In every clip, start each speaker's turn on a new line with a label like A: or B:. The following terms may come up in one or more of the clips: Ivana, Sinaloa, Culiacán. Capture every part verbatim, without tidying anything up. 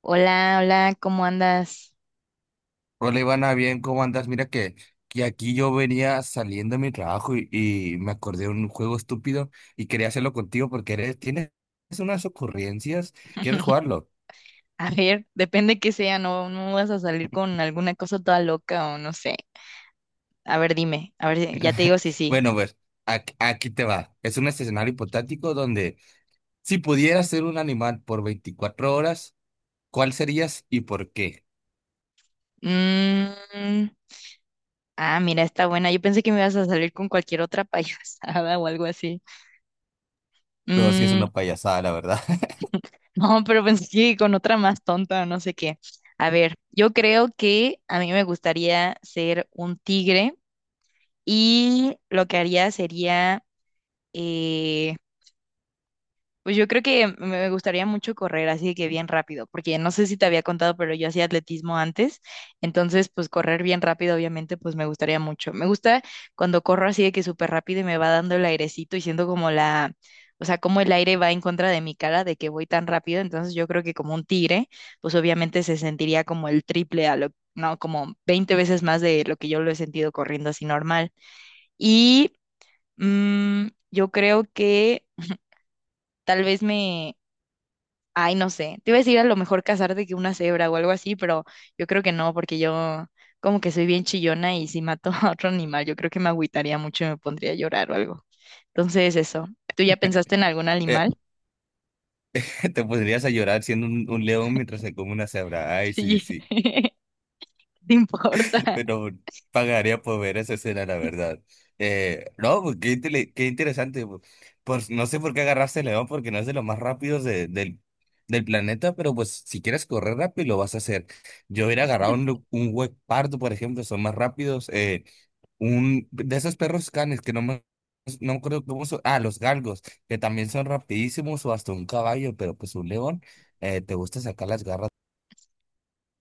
A: Hola, hola, ¿cómo andas?
B: Hola Ivana, bien, ¿cómo andas? Mira que, que aquí yo venía saliendo de mi trabajo y, y me acordé de un juego estúpido y quería hacerlo contigo porque eres, tienes unas ocurrencias. ¿Quieres jugarlo?
A: A ver, depende que sea, no, no vas a salir con alguna cosa toda loca o no sé. A ver, dime, a ver, si- ya te digo si sí.
B: Bueno, pues ac- aquí te va. Es un escenario hipotético donde, si pudieras ser un animal por veinticuatro horas, ¿cuál serías y por qué?
A: Mm, ah, mira, está buena. Yo pensé que me ibas a salir con cualquier otra payasada o algo así.
B: No, si es
A: Mm,
B: una payasada, la verdad.
A: no, pero pensé que con otra más tonta o no sé qué. A ver, yo creo que a mí me gustaría ser un tigre y lo que haría sería... eh, Pues yo creo que me gustaría mucho correr así que bien rápido, porque no sé si te había contado, pero yo hacía atletismo antes, entonces pues correr bien rápido obviamente pues me gustaría mucho. Me gusta cuando corro así de que súper rápido y me va dando el airecito y siento como la, o sea, como el aire va en contra de mi cara de que voy tan rápido, entonces yo creo que como un tigre, pues obviamente se sentiría como el triple a lo, no, como veinte veces más de lo que yo lo he sentido corriendo así normal. Y mm, yo creo que tal vez me, ay, no sé. Te iba a decir a lo mejor casarte que una cebra o algo así, pero yo creo que no, porque yo como que soy bien chillona y si mato a otro animal, yo creo que me agüitaría mucho y me pondría a llorar o algo. Entonces, eso. ¿Tú ya pensaste en algún
B: Eh,
A: animal?
B: Te pondrías a llorar siendo un, un león mientras se come una cebra. Ay, sí,
A: Sí.
B: sí.
A: ¿Te importa?
B: Pero pagaría por ver esa escena, la verdad. Eh, no, pues, qué, intele- qué interesante. Pues Pues, no sé por qué agarraste el león, porque no es de los más rápidos de- del, del planeta, pero pues si quieres correr rápido, lo vas a hacer. Yo hubiera agarrado un, lu- un hueco pardo, por ejemplo, son más rápidos. Eh, un de esos perros canes que no me, no me acuerdo cómo son. Ah, los galgos, que también son rapidísimos, o hasta un caballo, pero pues un león, eh, te gusta sacar las garras.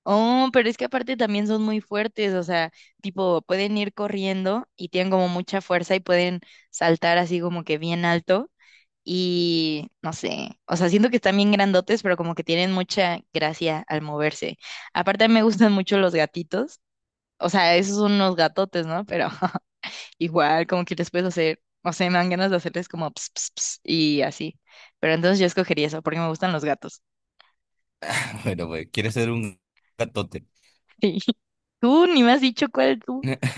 A: Oh, pero es que aparte también son muy fuertes, o sea, tipo, pueden ir corriendo y tienen como mucha fuerza y pueden saltar así como que bien alto. Y no sé, o sea, siento que están bien grandotes, pero como que tienen mucha gracia al moverse. Aparte, me gustan mucho los gatitos. O sea, esos son unos gatotes, ¿no? Pero igual, como que les puedes hacer, o sea, me dan ganas de hacerles como ps, ps, ps, y así. Pero entonces yo escogería eso, porque me gustan los gatos.
B: Bueno, pues quieres ser un gatote.
A: Sí. Tú ni me has dicho cuál tú.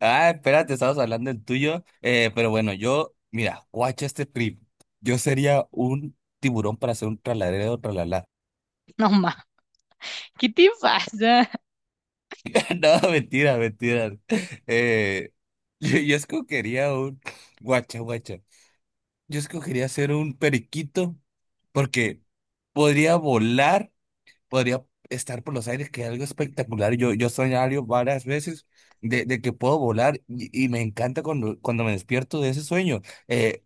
B: Ah, espérate, estabas hablando del tuyo. Eh, pero bueno, yo, mira, guacha este trip. Yo sería un tiburón para hacer un tralalero, tralala.
A: No, ma, ¿qué te pasa?
B: No, mentira, mentira. Eh, yo, yo escogería un. Guacha, guacha. Yo escogería ser un periquito porque podría volar, podría estar por los aires, que es algo espectacular. Yo, yo soñado varias veces de, de que puedo volar, y, y me encanta cuando, cuando me despierto de ese sueño. Eh,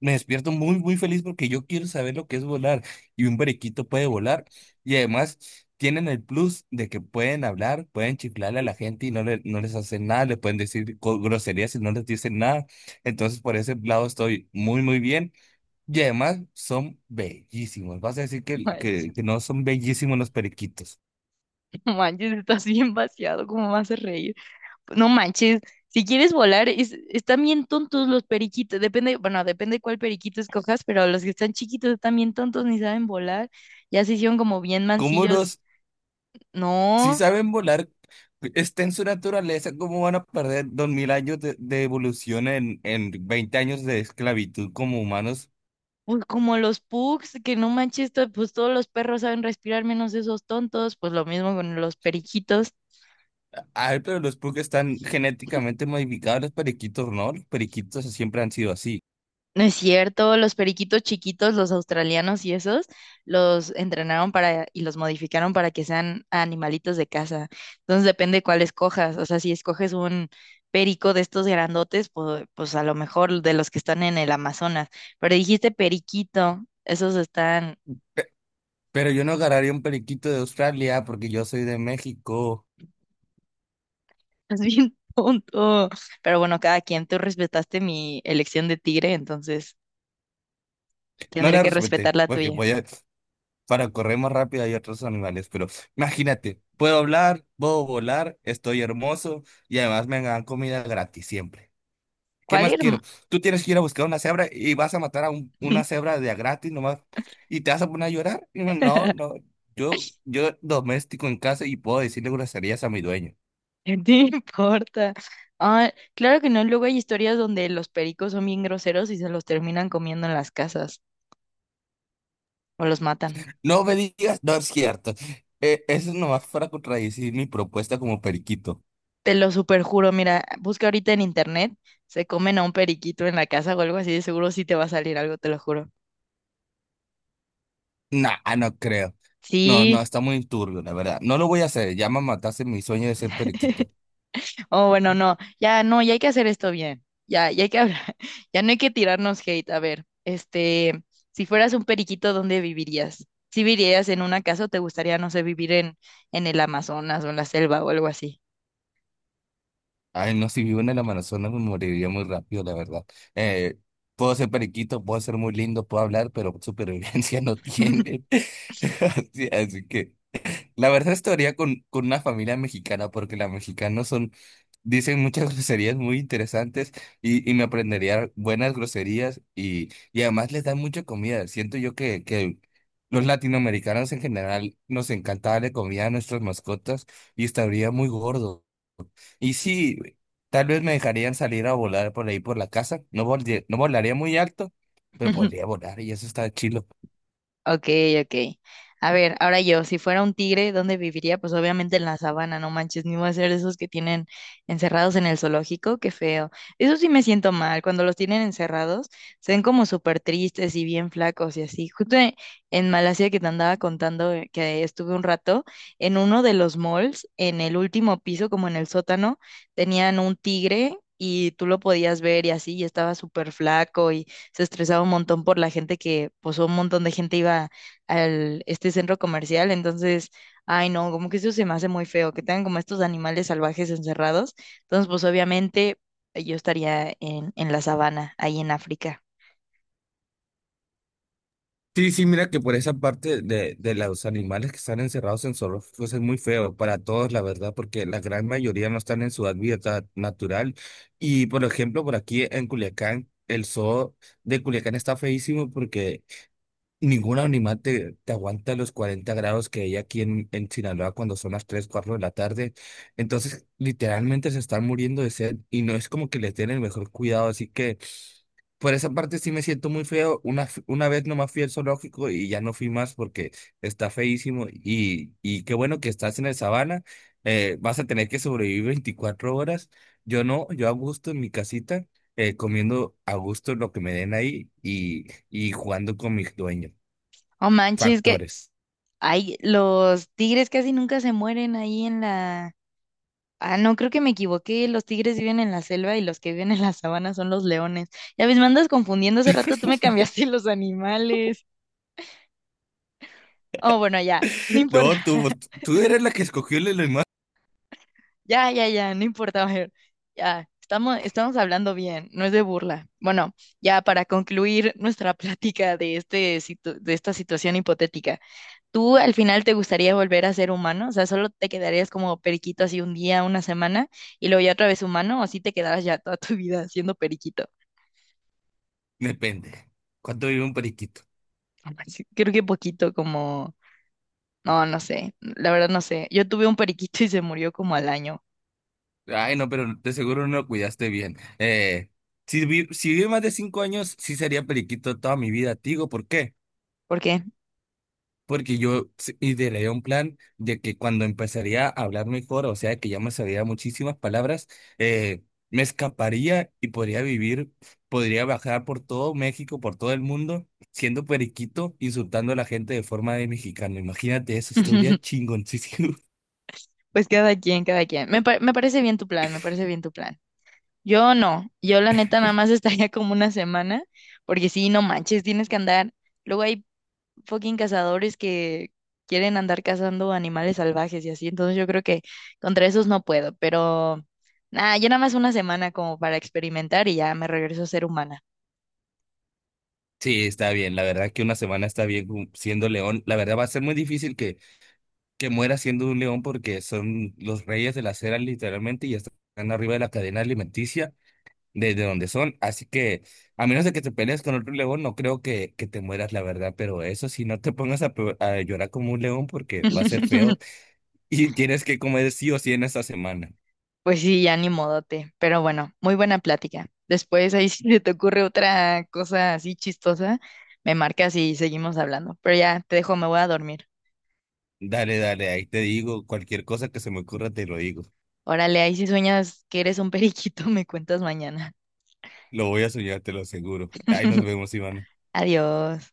B: Me despierto muy, muy feliz porque yo quiero saber lo que es volar. Y un periquito puede volar. Y además tienen el plus de que pueden hablar, pueden chiflarle a la gente y no, le- no les hacen nada. Le pueden decir co- groserías y no les dicen nada. Entonces, por ese lado estoy muy, muy bien. Y además son bellísimos. Vas a decir que,
A: Manches,
B: que, que no son bellísimos los periquitos.
A: no manches, estás bien vaciado, ¿cómo me haces reír? No manches, si quieres volar, es- están bien tontos los periquitos. Depende, bueno, depende cuál periquito escojas, pero los que están chiquitos están bien tontos, ni saben volar. Ya se hicieron como bien
B: ¿Cómo
A: mancillos.
B: los Si
A: No,
B: saben volar, está en su naturaleza, ¿cómo van a perder dos mil años de, de evolución en, en veinte años de esclavitud como humanos?
A: pues como los pugs, que no manches, to- pues todos los perros saben respirar menos esos tontos. Pues lo mismo con los periquitos.
B: Ay, pero los Pug están genéticamente modificados, los periquitos no, los periquitos siempre han sido así.
A: No es cierto, los periquitos chiquitos, los australianos y esos, los entrenaron para y los modificaron para que sean animalitos de casa. Entonces depende cuál escojas. O sea, si escoges un perico de estos grandotes, pues, pues a lo mejor de los que están en el Amazonas. Pero dijiste periquito, esos están,
B: Pe- Pero yo no agarraría un periquito de Australia porque yo soy de México.
A: es bien tonto. Pero bueno, cada quien, tú respetaste mi elección de tigre, entonces
B: No
A: tendré
B: la
A: que respetar
B: respeté,
A: la
B: porque
A: tuya.
B: podía, para correr más rápido hay otros animales, pero imagínate, puedo hablar, puedo volar, estoy hermoso y además me dan comida gratis siempre. ¿Qué
A: ¿Cuál
B: más
A: ir?
B: quiero? Tú tienes que ir a buscar una cebra y vas a matar a un- una cebra de a gratis nomás y te vas a poner a llorar. Y yo, no, no, yo, yo doméstico en casa y puedo decirle groserías a mi dueño.
A: ¿No importa? Ah, claro que no, luego hay historias donde los pericos son bien groseros y se los terminan comiendo en las casas o los matan.
B: No me digas, no es cierto. Eh, eso nomás para contradecir mi propuesta como periquito.
A: Te lo superjuro, mira, busca ahorita en internet, se comen a un periquito en la casa o algo así, de seguro sí te va a salir algo, te lo juro.
B: Nah, ah, no creo. No, no,
A: Sí,
B: está muy turbio, la verdad. No lo voy a hacer, ya me mataste mi sueño de ser periquito.
A: oh, bueno, no, ya no, ya hay que hacer esto bien, ya, ya hay que hablar, ya no hay que tirarnos hate. A ver, este, si fueras un periquito, ¿dónde vivirías? ¿Si vivirías en una casa o te gustaría, no sé, vivir en, en el Amazonas o en la selva o algo así?
B: Ay, no, si vivo en el Amazonas me moriría muy rápido, la verdad. Eh, Puedo ser periquito, puedo ser muy lindo, puedo hablar, pero supervivencia no tienen. Así, así que la verdad estaría con, con una familia mexicana, porque los mexicanos son, dicen muchas groserías muy interesantes y, y me aprendería buenas groserías, y, y además les dan mucha comida. Siento yo que, que los latinoamericanos en general nos encanta darle comida a nuestras mascotas y estaría muy gordo. Y sí, tal vez me dejarían salir a volar por ahí por la casa. No volde- no volaría muy alto, pero podría volar y eso está chilo.
A: Ok, ok. A ver, ahora yo, si fuera un tigre, ¿dónde viviría? Pues obviamente en la sabana, no manches, ni voy a ser de esos que tienen encerrados en el zoológico, qué feo. Eso sí me siento mal, cuando los tienen encerrados, se ven como súper tristes y bien flacos y así. Justo e- en Malasia que te andaba contando, eh, que estuve un rato, en uno de los malls, en el último piso, como en el sótano, tenían un tigre. Y tú lo podías ver y así, y estaba súper flaco, se estresaba un montón por la gente que, pues un montón de gente iba al este centro comercial, entonces, ay no, como que eso se me hace muy feo, que tengan como estos animales salvajes encerrados. Entonces, pues obviamente yo estaría en, en la sabana, ahí en África.
B: Sí, sí, mira que por esa parte de, de los animales que están encerrados en zoológicos es muy feo para todos, la verdad, porque la gran mayoría no están en su hábitat natural. Y por ejemplo, por aquí en Culiacán, el zoo de Culiacán está feísimo porque ningún animal te, te aguanta los cuarenta grados que hay aquí en, en Sinaloa cuando son las tres cuatro de la tarde. Entonces, literalmente se están muriendo de sed y no es como que les den el mejor cuidado. Así que por esa parte sí me siento muy feo. Una, f- una vez nomás fui al zoológico y ya no fui más porque está feísimo. Y, y qué bueno que estás en el sabana. Eh, vas a tener que sobrevivir veinticuatro horas. Yo no, yo a gusto en mi casita, eh, comiendo a gusto lo que me den ahí y, y jugando con mis dueños
A: Oh manches, que
B: factores.
A: ay, los tigres casi nunca se mueren ahí en la. Ah, no, creo que me equivoqué. Los tigres viven en la selva y los que viven en la sabana son los leones. Ya ves, me andas confundiendo. Hace rato tú me cambiaste los animales. Oh, bueno, ya, no importa.
B: No, tú, tú eres la que escogió el animal.
A: Ya, ya, ya, no importa, Mayor. Ya, estamos, estamos hablando bien, no es de burla. Bueno, ya para concluir nuestra plática de este, situ- de esta situación hipotética, ¿tú al final te gustaría volver a ser humano? O sea, ¿solo te quedarías como periquito así un día, una semana, y luego ya otra vez humano, o sí te quedarás ya toda tu vida siendo periquito?
B: Depende. ¿Cuánto vive un periquito?
A: Sí, creo que poquito como. No, no sé, la verdad no sé. Yo tuve un periquito y se murió como al año.
B: Ay, no, pero de seguro no lo cuidaste bien. Eh, si vi, si vive más de cinco años, sí sería periquito toda mi vida. Te digo, ¿por qué?
A: ¿Por qué?
B: Porque yo s- ideé un plan de que cuando empezaría a hablar mejor, o sea, que ya me sabía muchísimas palabras, eh, me escaparía y podría vivir, podría bajar por todo México, por todo el mundo, siendo periquito, insultando a la gente de forma de mexicano. Imagínate eso, estaría chingoncísimo.
A: Pues cada quien, cada quien. Me, pa- me parece bien tu plan, me parece bien tu plan. Yo no, yo la neta nada más estaría como una semana, porque sí, no manches, tienes que andar. Luego hay fucking cazadores que quieren andar cazando animales salvajes y así, entonces yo creo que contra esos no puedo, pero nada, yo nada más una semana como para experimentar y ya me regreso a ser humana.
B: Sí, está bien. La verdad que una semana está bien, ju- siendo león. La verdad va a ser muy difícil que, que muera siendo un león porque son los reyes de la acera literalmente y están arriba de la cadena alimenticia. Desde donde son. Así que, a menos de que te pelees con otro león, no creo que, que te mueras, la verdad. Pero eso sí, no te pongas a, pe- a llorar como un león porque va a ser feo y tienes que comer sí o sí en esta semana.
A: Pues sí, ya ni modote, pero bueno, muy buena plática. Después ahí si te ocurre otra cosa así chistosa, me marcas y seguimos hablando, pero ya te dejo, me voy a dormir.
B: Dale, dale, ahí te digo, cualquier cosa que se me ocurra te lo digo.
A: Órale, ahí si sueñas que eres un periquito, me cuentas mañana.
B: Lo voy a soñar, te lo aseguro. Ahí nos vemos, Iván.
A: Adiós.